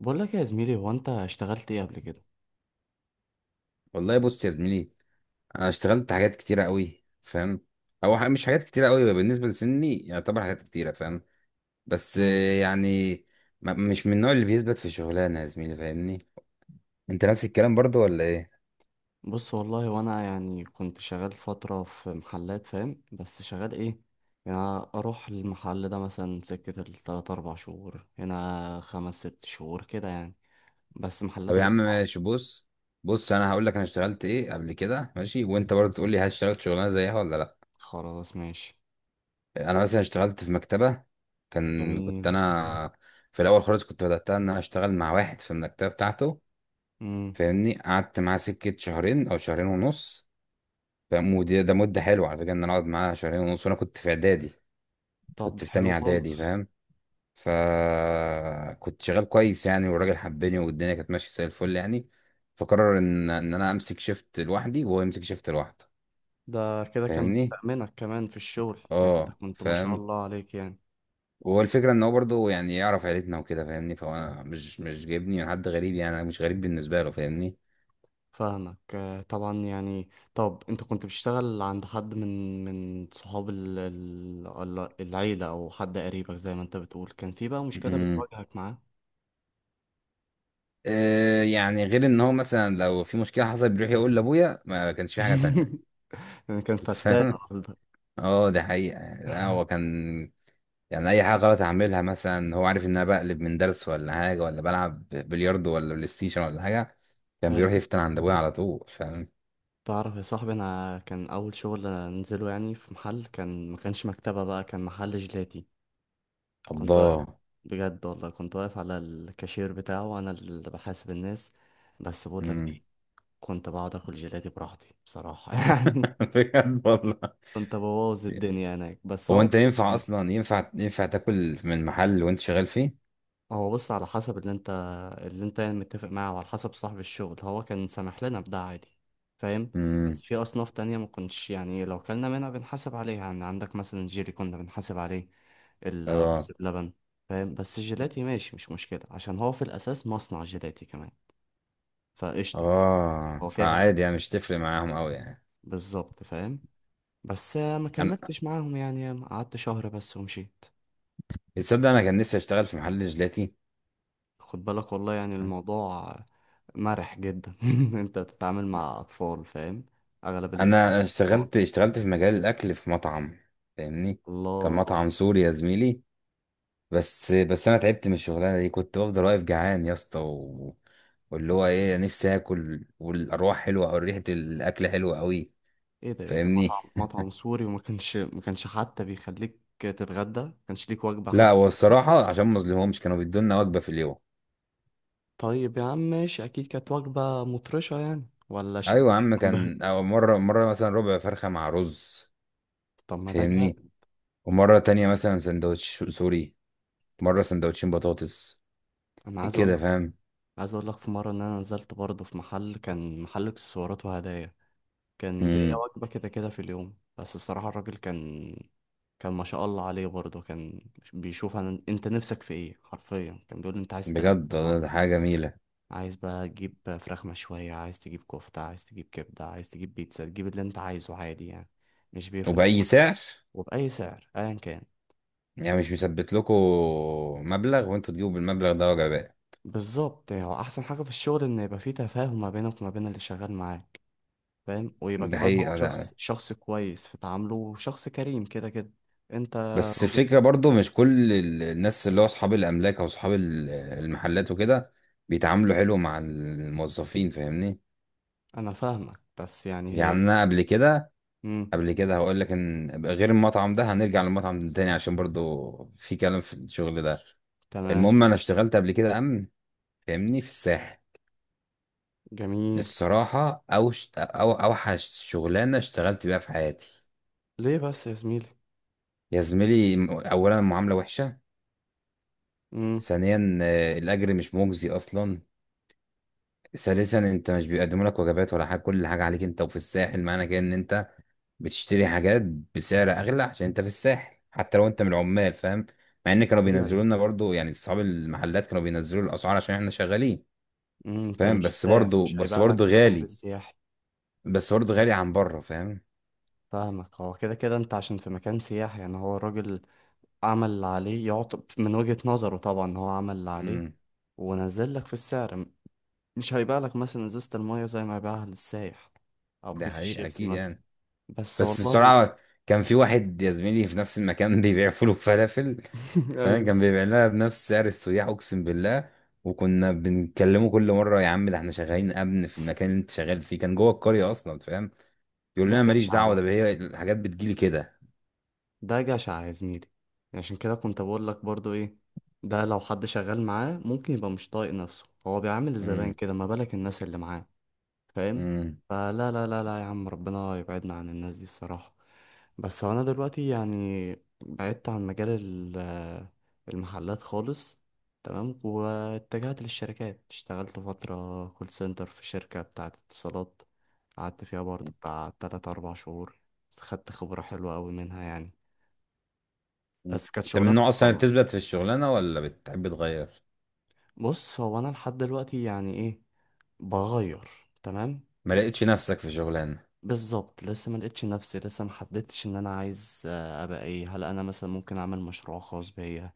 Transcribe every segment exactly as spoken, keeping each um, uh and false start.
بقول لك يا زميلي، هو انت اشتغلت ايه قبل كده؟ والله بص يا زميلي. انا اشتغلت حاجات كتيره قوي، فاهم؟ او ح- مش حاجات كتيره قوي، بالنسبه لسني يعتبر حاجات كتيره، فاهم؟ بس مم. آه، يعني ما- مش من النوع اللي بيثبت في شغلانه يا زميلي، فاهمني؟ انت نفس الكلام برضو ولا ايه؟ بص والله، وانا يعني كنت شغال فتره في محلات، فاهم؟ بس شغال ايه يعني؟ اروح المحل ده مثلا سكه التلات اربع شهور، هنا خمس ست شهور كده يعني. بس طب محلات يا غير عم بعض. ماشي، بص. بص انا هقول لك انا اشتغلت ايه قبل كده، ماشي؟ وانت برضو تقول لي هل اشتغلت شغلانه زيها ولا لا. خلاص ماشي. انا مثلا اشتغلت في مكتبه. كان كنت جميل. انا في الاول خالص كنت بداتها ان انا اشتغل مع واحد في المكتبه بتاعته، امم فاهمني؟ قعدت معاه سكه شهرين او شهرين ونص. ده مود ده مدة حلوة على فكرة إن أنا أقعد معاها شهرين ونص، وأنا كنت في إعدادي. طب كنت في حلو تانية إعدادي، خالص. فاهم؟ فكنت شغال كويس يعني، والراجل حبني والدنيا كانت ماشية زي الفل يعني. فقرر إن إن أنا أمسك شيفت لوحدي وهو يمسك شيفت لوحده. ده كده كان فاهمني؟ مستأمنك كمان في الشغل يعني، انت أه كنت ما شاء فاهم. الله عليك يعني. هو الفكرة إن هو برضه يعني يعرف عيلتنا وكده، فاهمني؟ فهو أنا مش مش جايبني من حد غريب يعني، أنا مش غريب بالنسبة له، فاهمني؟ فاهمك آه، طبعا يعني. طب انت كنت بتشتغل عند حد من من صحاب ال- ال- ال- العيلة او حد قريبك زي ما انت بتقول، كان في بقى مشكلة امم. بتواجهك معاه؟ آه يعني، غير إن هو مثلا لو في مشكلة حصلت بيروح يقول لأبويا، ما كانش في حاجة تانية. انا كان فتان فاهم. النهارده. اه دي حقيقة يعني، هو كان يعني أي حاجة غلط أعملها مثلا هو عارف إن أنا بقلب من درس ولا حاجة، ولا بلعب بلياردو ولا بلاي ستيشن ولا حاجة، كان بيروح ايوه، يفتن عند أبويا على طول، فاهم؟ تعرف يا صاحبي، انا كان اول شغل انزله يعني في محل، كان ما كانش مكتبة بقى، كان محل جيلاتي. كنت واقف، الله. بجد والله كنت واقف على الكاشير بتاعه وانا اللي بحاسب الناس. بس بقول لك مم. ايه، كنت بقعد اكل جيلاتي براحتي بصراحة بجد والله. كنت ببوظ الدنيا هناك بس هو هو أنت ينفع يعني، أصلا، ينفع ينفع تاكل من محل وأنت شغال فيه؟ هو بص على حسب اللي انت اللي انت يعني متفق معاه وعلى حسب صاحب الشغل، هو كان سامح لنا بده عادي، فاهم. بس مم. في اصناف تانية ما كنتش يعني، لو كلنا منها بنحاسب عليها. يعني عندك مثلا جيلي كنا بنحاسب عليه، اه. الرز بلبن، فاهم. بس الجيلاتي ماشي مش مشكلة عشان هو في الاساس مصنع جيلاتي كمان، فقشطة. اه هو كده كده فعادي يعني، مش تفرق معاهم أوي يعني. بالظبط، فاهم. بس ما أنا، كملتش معاهم يعني، قعدت شهر بس ومشيت. تصدق أنا كان نفسي أشتغل في محل جيلاتي. خد بالك والله، يعني الموضوع مرح جدا انت بتتعامل مع اطفال، فاهم. اغلب اللي انا أطفال. اشتغلت اشتغلت في مجال الاكل في مطعم، فاهمني؟ كان الله. مطعم سوري يا زميلي. بس بس انا تعبت من الشغلانه دي، كنت بفضل واقف جعان يا اسطى، و... واللي هو ايه، نفسي اكل والارواح حلوه او ريحه الاكل حلوه قوي، ايه ده ايه ده، فاهمني؟ مطعم مطعم سوري وما كانش ما كانش حتى بيخليك تتغدى؟ ما كانش ليك وجبة لا حتى؟ هو الصراحه عشان ما اظلمهمش، كانوا بيدونا وجبه في اليوم. طيب يا عم ماشي، اكيد كانت وجبة مطرشة يعني ولا شدية ايوه يا عم، بل كان أو مره مره مثلا ربع فرخه مع رز، طب ما ده فاهمني؟ جامد. ومره تانية مثلا سندوتش سوري، مره سندوتشين بطاطس، انا عايز اقول كده فاهم؟ عايز اقول لك، في مرة ان انا نزلت برضه في محل، كان محل اكسسوارات وهدايا، كان ليا وجبة كده كده في اليوم، بس الصراحة الراجل كان، كان ما شاء الله عليه برضه، كان بيشوف أنا... انت نفسك في ايه، حرفيا كان بيقول لي انت عايز تتغدى بجد ده النهاردة؟ ده حاجة جميلة. عايز بقى تجيب فراخ مشوية، عايز تجيب كفتة، عايز تجيب كبدة، عايز تجيب بيتزا، تجيب اللي انت عايزه عادي يعني، مش بيفرق وبأي معاه. سعر؟ وبأي سعر أيا كان. يعني مش مثبت لكم مبلغ وانتوا تجيبوا بالمبلغ ده وجباء. بالظبط، يعني هو أحسن حاجة في الشغل إن يبقى فيه تفاهم ما بينك وما بين اللي شغال معاك، فاهم. ويبقى ده كمان هو حقيقة شخص ده. شخص كويس في تعامله، وشخص كريم كده كده. انت، بس الفكرة برضو، مش كل ال- الناس اللي هو أصحاب الأملاك أو أصحاب ال- المحلات وكده بيتعاملوا حلو مع الموظفين، فاهمني؟ انا فاهمك، بس يعني هي يعني دي. أنا قبل كده، امم قبل كده هقول لك إن غير المطعم ده، هنرجع للمطعم ده تاني عشان برضو في كلام في الشغل ده. تمام. المهم، أنا اشتغلت قبل كده أمن، فاهمني؟ في الساحل. جميل. الصراحة أوش أو أوحش شغلانة اشتغلت بيها في حياتي. ليه بس يا زميلي؟ يا زميلي، م- أولا المعاملة وحشة. امم ثانيا آه، الأجر مش مجزي أصلا. ثالثا أنت مش بيقدموا لك وجبات ولا حاجة، كل حاجة عليك أنت، وفي الساحل معنى كده إن أنت بتشتري حاجات بسعر أغلى، عشان أنت في الساحل حتى لو أنت من العمال، فاهم؟ مع إن كانوا طبيعي. بينزلوا لنا برضو، يعني أصحاب المحلات كانوا بينزلوا الأسعار عشان إحنا شغالين، امم انت فاهم؟ مش بس سايح، برضو، مش بس هيبيع لك برضو بالسحر غالي. السياحي. بس برضو غالي عن بره، فاهم؟ فاهمك، هو كده كده انت عشان في مكان سياحي يعني، هو الراجل عمل اللي عليه يعطب من وجهة نظره، طبعا هو عمل اللي عليه امم. ونزل لك في السعر. م- مش هيبيع لك مثلا ازازة المية زي ما يبيعها للسايح، او ده كيس حقيقة الشيبسي أكيد مثلا. يعني. بس بس والله بصراحة، كان في واحد يا زميلي في نفس المكان بيبيع فول وفلافل، فاهم؟ ايوه، كان بيبيع لها بنفس سعر السياح، اقسم بالله. وكنا بنكلمه كل مرة، يا عم ده احنا شغالين امن في المكان اللي انت شغال فيه، كان جوه القرية اصلا، فاهم؟ يقول ده لنا ماليش اشعة دعوة، بقى، ده هي الحاجات بتجيلي كده. ده جشع يا زميلي. عشان كده كنت بقول لك برضو ايه، ده لو حد شغال معاه ممكن يبقى مش طايق نفسه، هو بيعامل الزبائن امم. كده، ما بالك الناس اللي معاه، فاهم. امم. فلا لا لا لا يا عم، ربنا يبعدنا عن الناس دي الصراحة. بس هو انا دلوقتي يعني بعدت عن مجال ال- المحلات خالص، تمام. واتجهت للشركات، اشتغلت فترة كول سنتر في شركة بتاعة اتصالات، قعدت فيها برضو بتاع تلات أربع شهور. خدت خبرة حلوة أوي منها يعني، أمم. بس كانت انت من شغلانة النوع اصلا اللي صعبة. بتثبت في الشغلانة، ولا بتحب تغير؟ بص هو أنا لحد دلوقتي يعني إيه، بغير، تمام. ما ليه؟ لقيتش نفسك في شغلانة؟ بالظبط، لسه ما لقيتش نفسي، لسه ما حددتش ان انا عايز آه، ابقى ايه. هل انا مثلا ممكن اعمل مشروع خاص بيا؟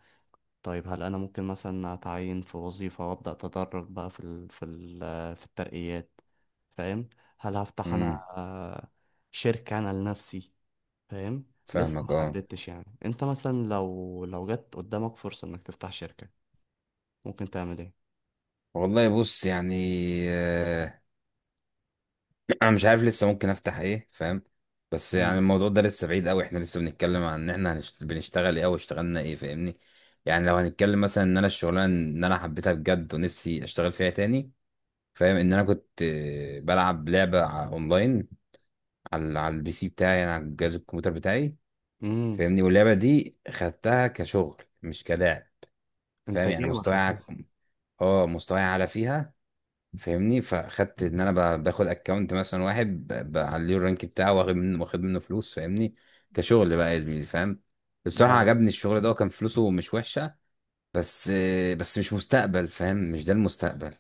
طيب هل انا ممكن مثلا اتعين في وظيفة وابدا اتدرج بقى في ال في ال آه، في الترقيات، فاهم؟ هل هفتح انا امم. آه، شركة انا لنفسي، فاهم. لسه ما فاهمك اه. حددتش يعني. انت مثلا لو لو جت قدامك فرصة انك تفتح شركة، ممكن تعمل والله بص يعني، آه، انا مش عارف لسه ممكن افتح ايه، فاهم؟ بس يعني ايه؟ الموضوع ده لسه بعيد قوي، احنا لسه بنتكلم عن ان احنا هنشت... بنشتغل ايه او اشتغلنا ايه، فاهمني؟ يعني لو هنتكلم مثلا ان انا الشغلانه ان انا حبيتها بجد ونفسي اشتغل فيها تاني، فاهم؟ ان انا كنت آه، بلعب لعبه ع- اونلاين، على على البي سي بتاعي، يعني على جهاز الكمبيوتر بتاعي، امم فاهمني؟ واللعبه دي خدتها كشغل مش كلاعب، انت فاهم؟ يعني جيمر مستواي ع- اساسا. اه مستواي اعلى فيها، فاهمني؟ فاخدت ان انا ب- باخد اكونت مثلا واحد، ب- بعليه الرانك بتاعه، واخد منه واخد منه فلوس، فاهمني؟ كشغل بقى يا زميلي، فاهم؟ الصراحه ده عجبني الشغل ده، وكان فلوسه مش وحشه. بس بس مش مستقبل، فاهم؟ مش ده المستقبل.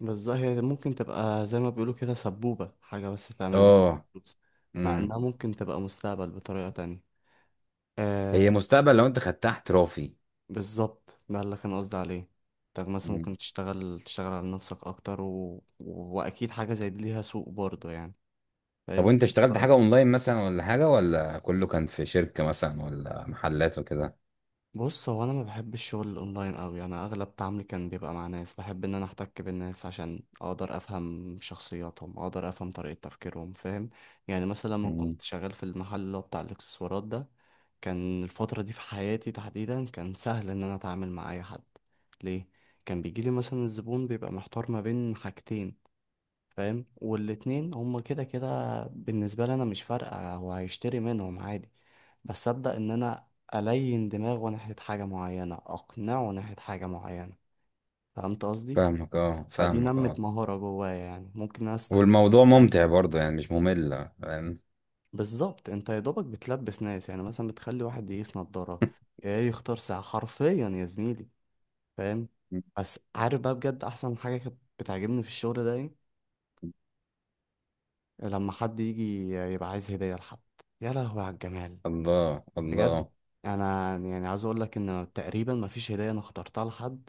بالظبط، هي ممكن تبقى زي ما بيقولوا كده سبوبة، حاجة بس تعمل منها اه. فلوس، مع امم. انها ممكن تبقى مستقبل بطريقة تانية. هي آه، مستقبل لو انت خدتها احترافي. بالظبط ده اللي كان قصدي عليه. انت مثلا مم. ممكن تشتغل، تشتغل على نفسك اكتر و... و... واكيد حاجة زي دي ليها سوق برضه يعني، طب فاهم، وانت تبدأ اشتغلت بقى. حاجه اونلاين مثلا، ولا حاجه، ولا كله كان في شركه مثلا ولا محلات وكده؟ بص هو انا ما بحب الشغل الاونلاين قوي، انا اغلب تعاملي كان بيبقى مع ناس، بحب ان انا احتك بالناس عشان اقدر افهم شخصياتهم، اقدر افهم طريقة تفكيرهم، فاهم. يعني مثلا لما مم. كنت شغال في المحل اللي هو بتاع الاكسسوارات ده، كان الفترة دي في حياتي تحديدا كان سهل ان انا اتعامل مع اي حد. ليه؟ كان بيجيلي مثلا الزبون بيبقى محتار ما بين حاجتين، فاهم. والاتنين هما كده كده بالنسبة لي، أنا مش فارقة هو هيشتري منهم عادي. بس أبدأ إن أنا ألين دماغه ناحية حاجة معينة، أقنعه ناحية حاجة معينة، فهمت قصدي؟ فاهمك اه. فدي فاهمك نمت اه. مهارة جوايا، يعني ممكن أنا أستعملها في حاجة والموضوع ممتع تانية. برضه يعني، مش ممل، فاهم؟ بالظبط، أنت يا دوبك بتلبس ناس، يعني مثلا بتخلي واحد يقيس نضارة إيه، يختار ساعة حرفيا يا زميلي، فاهم؟ بس عارف بقى بجد، أحسن حاجة كانت بتعجبني في الشغل ده إيه؟ لما حد يجي يبقى عايز هدية لحد، يا لهوي على الجمال، الله بجد. الله. انا يعني عاوز اقول لك ان تقريبا ما فيش هديه انا اخترتها لحد،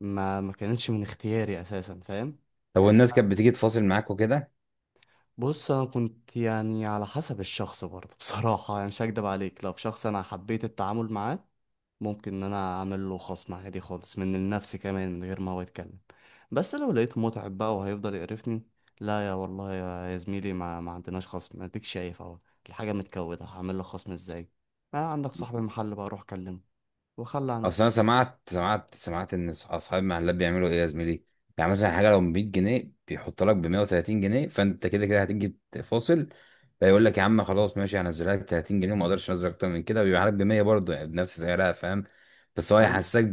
ما ما كانتش من اختياري اساسا، فاهم. طب يعني والناس كانت بتيجي تفاصل معاك وكده؟ بص، انا كنت يعني على حسب الشخص برضه بصراحه يعني مش هكدب عليك، لو شخص انا حبيت التعامل معاه، ممكن ان انا اعمل له خصم عادي خالص من النفس كمان من غير ما هو يتكلم. بس لو لقيته متعب بقى وهيفضل يقرفني، لا يا والله يا يا زميلي، ما, ما عندناش خصم، اديك شايف اهو الحاجه متكوده، هعمل له خصم ازاي؟ آه عندك صاحب المحل بقى، روح كلمه وخلى على اصل نفسك. انا سمعت سمعت سمعت ان أص- اصحاب المحلات بيعملوا ايه يا زميلي. يعني مثلا حاجه لو مية جنيه، بيحط لك ب مية وتلاتين جنيه، فانت كده كده هتيجي تفاصل. فيقول لك يا عم خلاص ماشي، هنزلها لك تلاتين جنيه وما اقدرش انزل اكتر من كده، ويبيعها لك ب مية برضه يعني بنفس سعرها، فاهم؟ بس هو ايوه يحسسك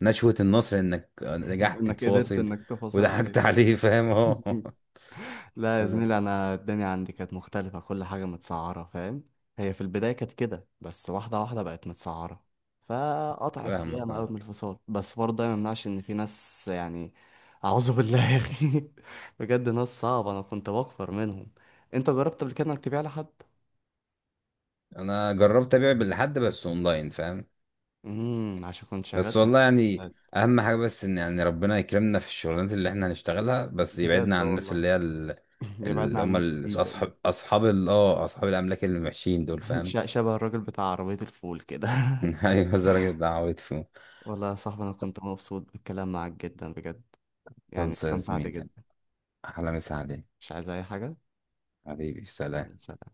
بنشوه النصر انك نجحت انك قدرت تفاصل. انك تفصل عليه وضحكت عليه، فاهم اهو. لا يا زميلي، انا الدنيا عندي كانت مختلفه، كل حاجه متسعره، فاهم. هي في البدايه كانت كده، بس واحده واحده بقت متسعره، فقطعت فاهمك ياما قوي اه. من الفصال، بس برضه ده ما يمنعش ان في ناس يعني، اعوذ بالله يا اخي بجد ناس صعبه، انا كنت بكفر منهم. انت جربت قبل كده انك تبيع لحد؟ انا جربت ابيع بالحد بس اونلاين، فاهم؟ امم عشان كنت شغال بس في والله يعني، الاكونتات. اهم حاجه بس ان يعني ربنا يكرمنا في الشغلانات اللي احنا هنشتغلها، بس يبعدنا بجد عن الناس والله اللي هي ال- يبعدنا اللي عن هم الناس ال- ال- ال- اصحاب اصحاب ال اه اصحاب الاملاك اللي وحشين دول، فاهم؟ ش- شبه الراجل بتاع عربيه الفول كده ايوه الراجل ده عويط فيه. والله يا صاحبي، أنا كنت مبسوط بالكلام معاك جدا بجد، يعني خلص يا استمتعت زميلي، جدا. احلى مسا عليك. مش عايز أي حاجة. حبيبي سلام. يلا سلام.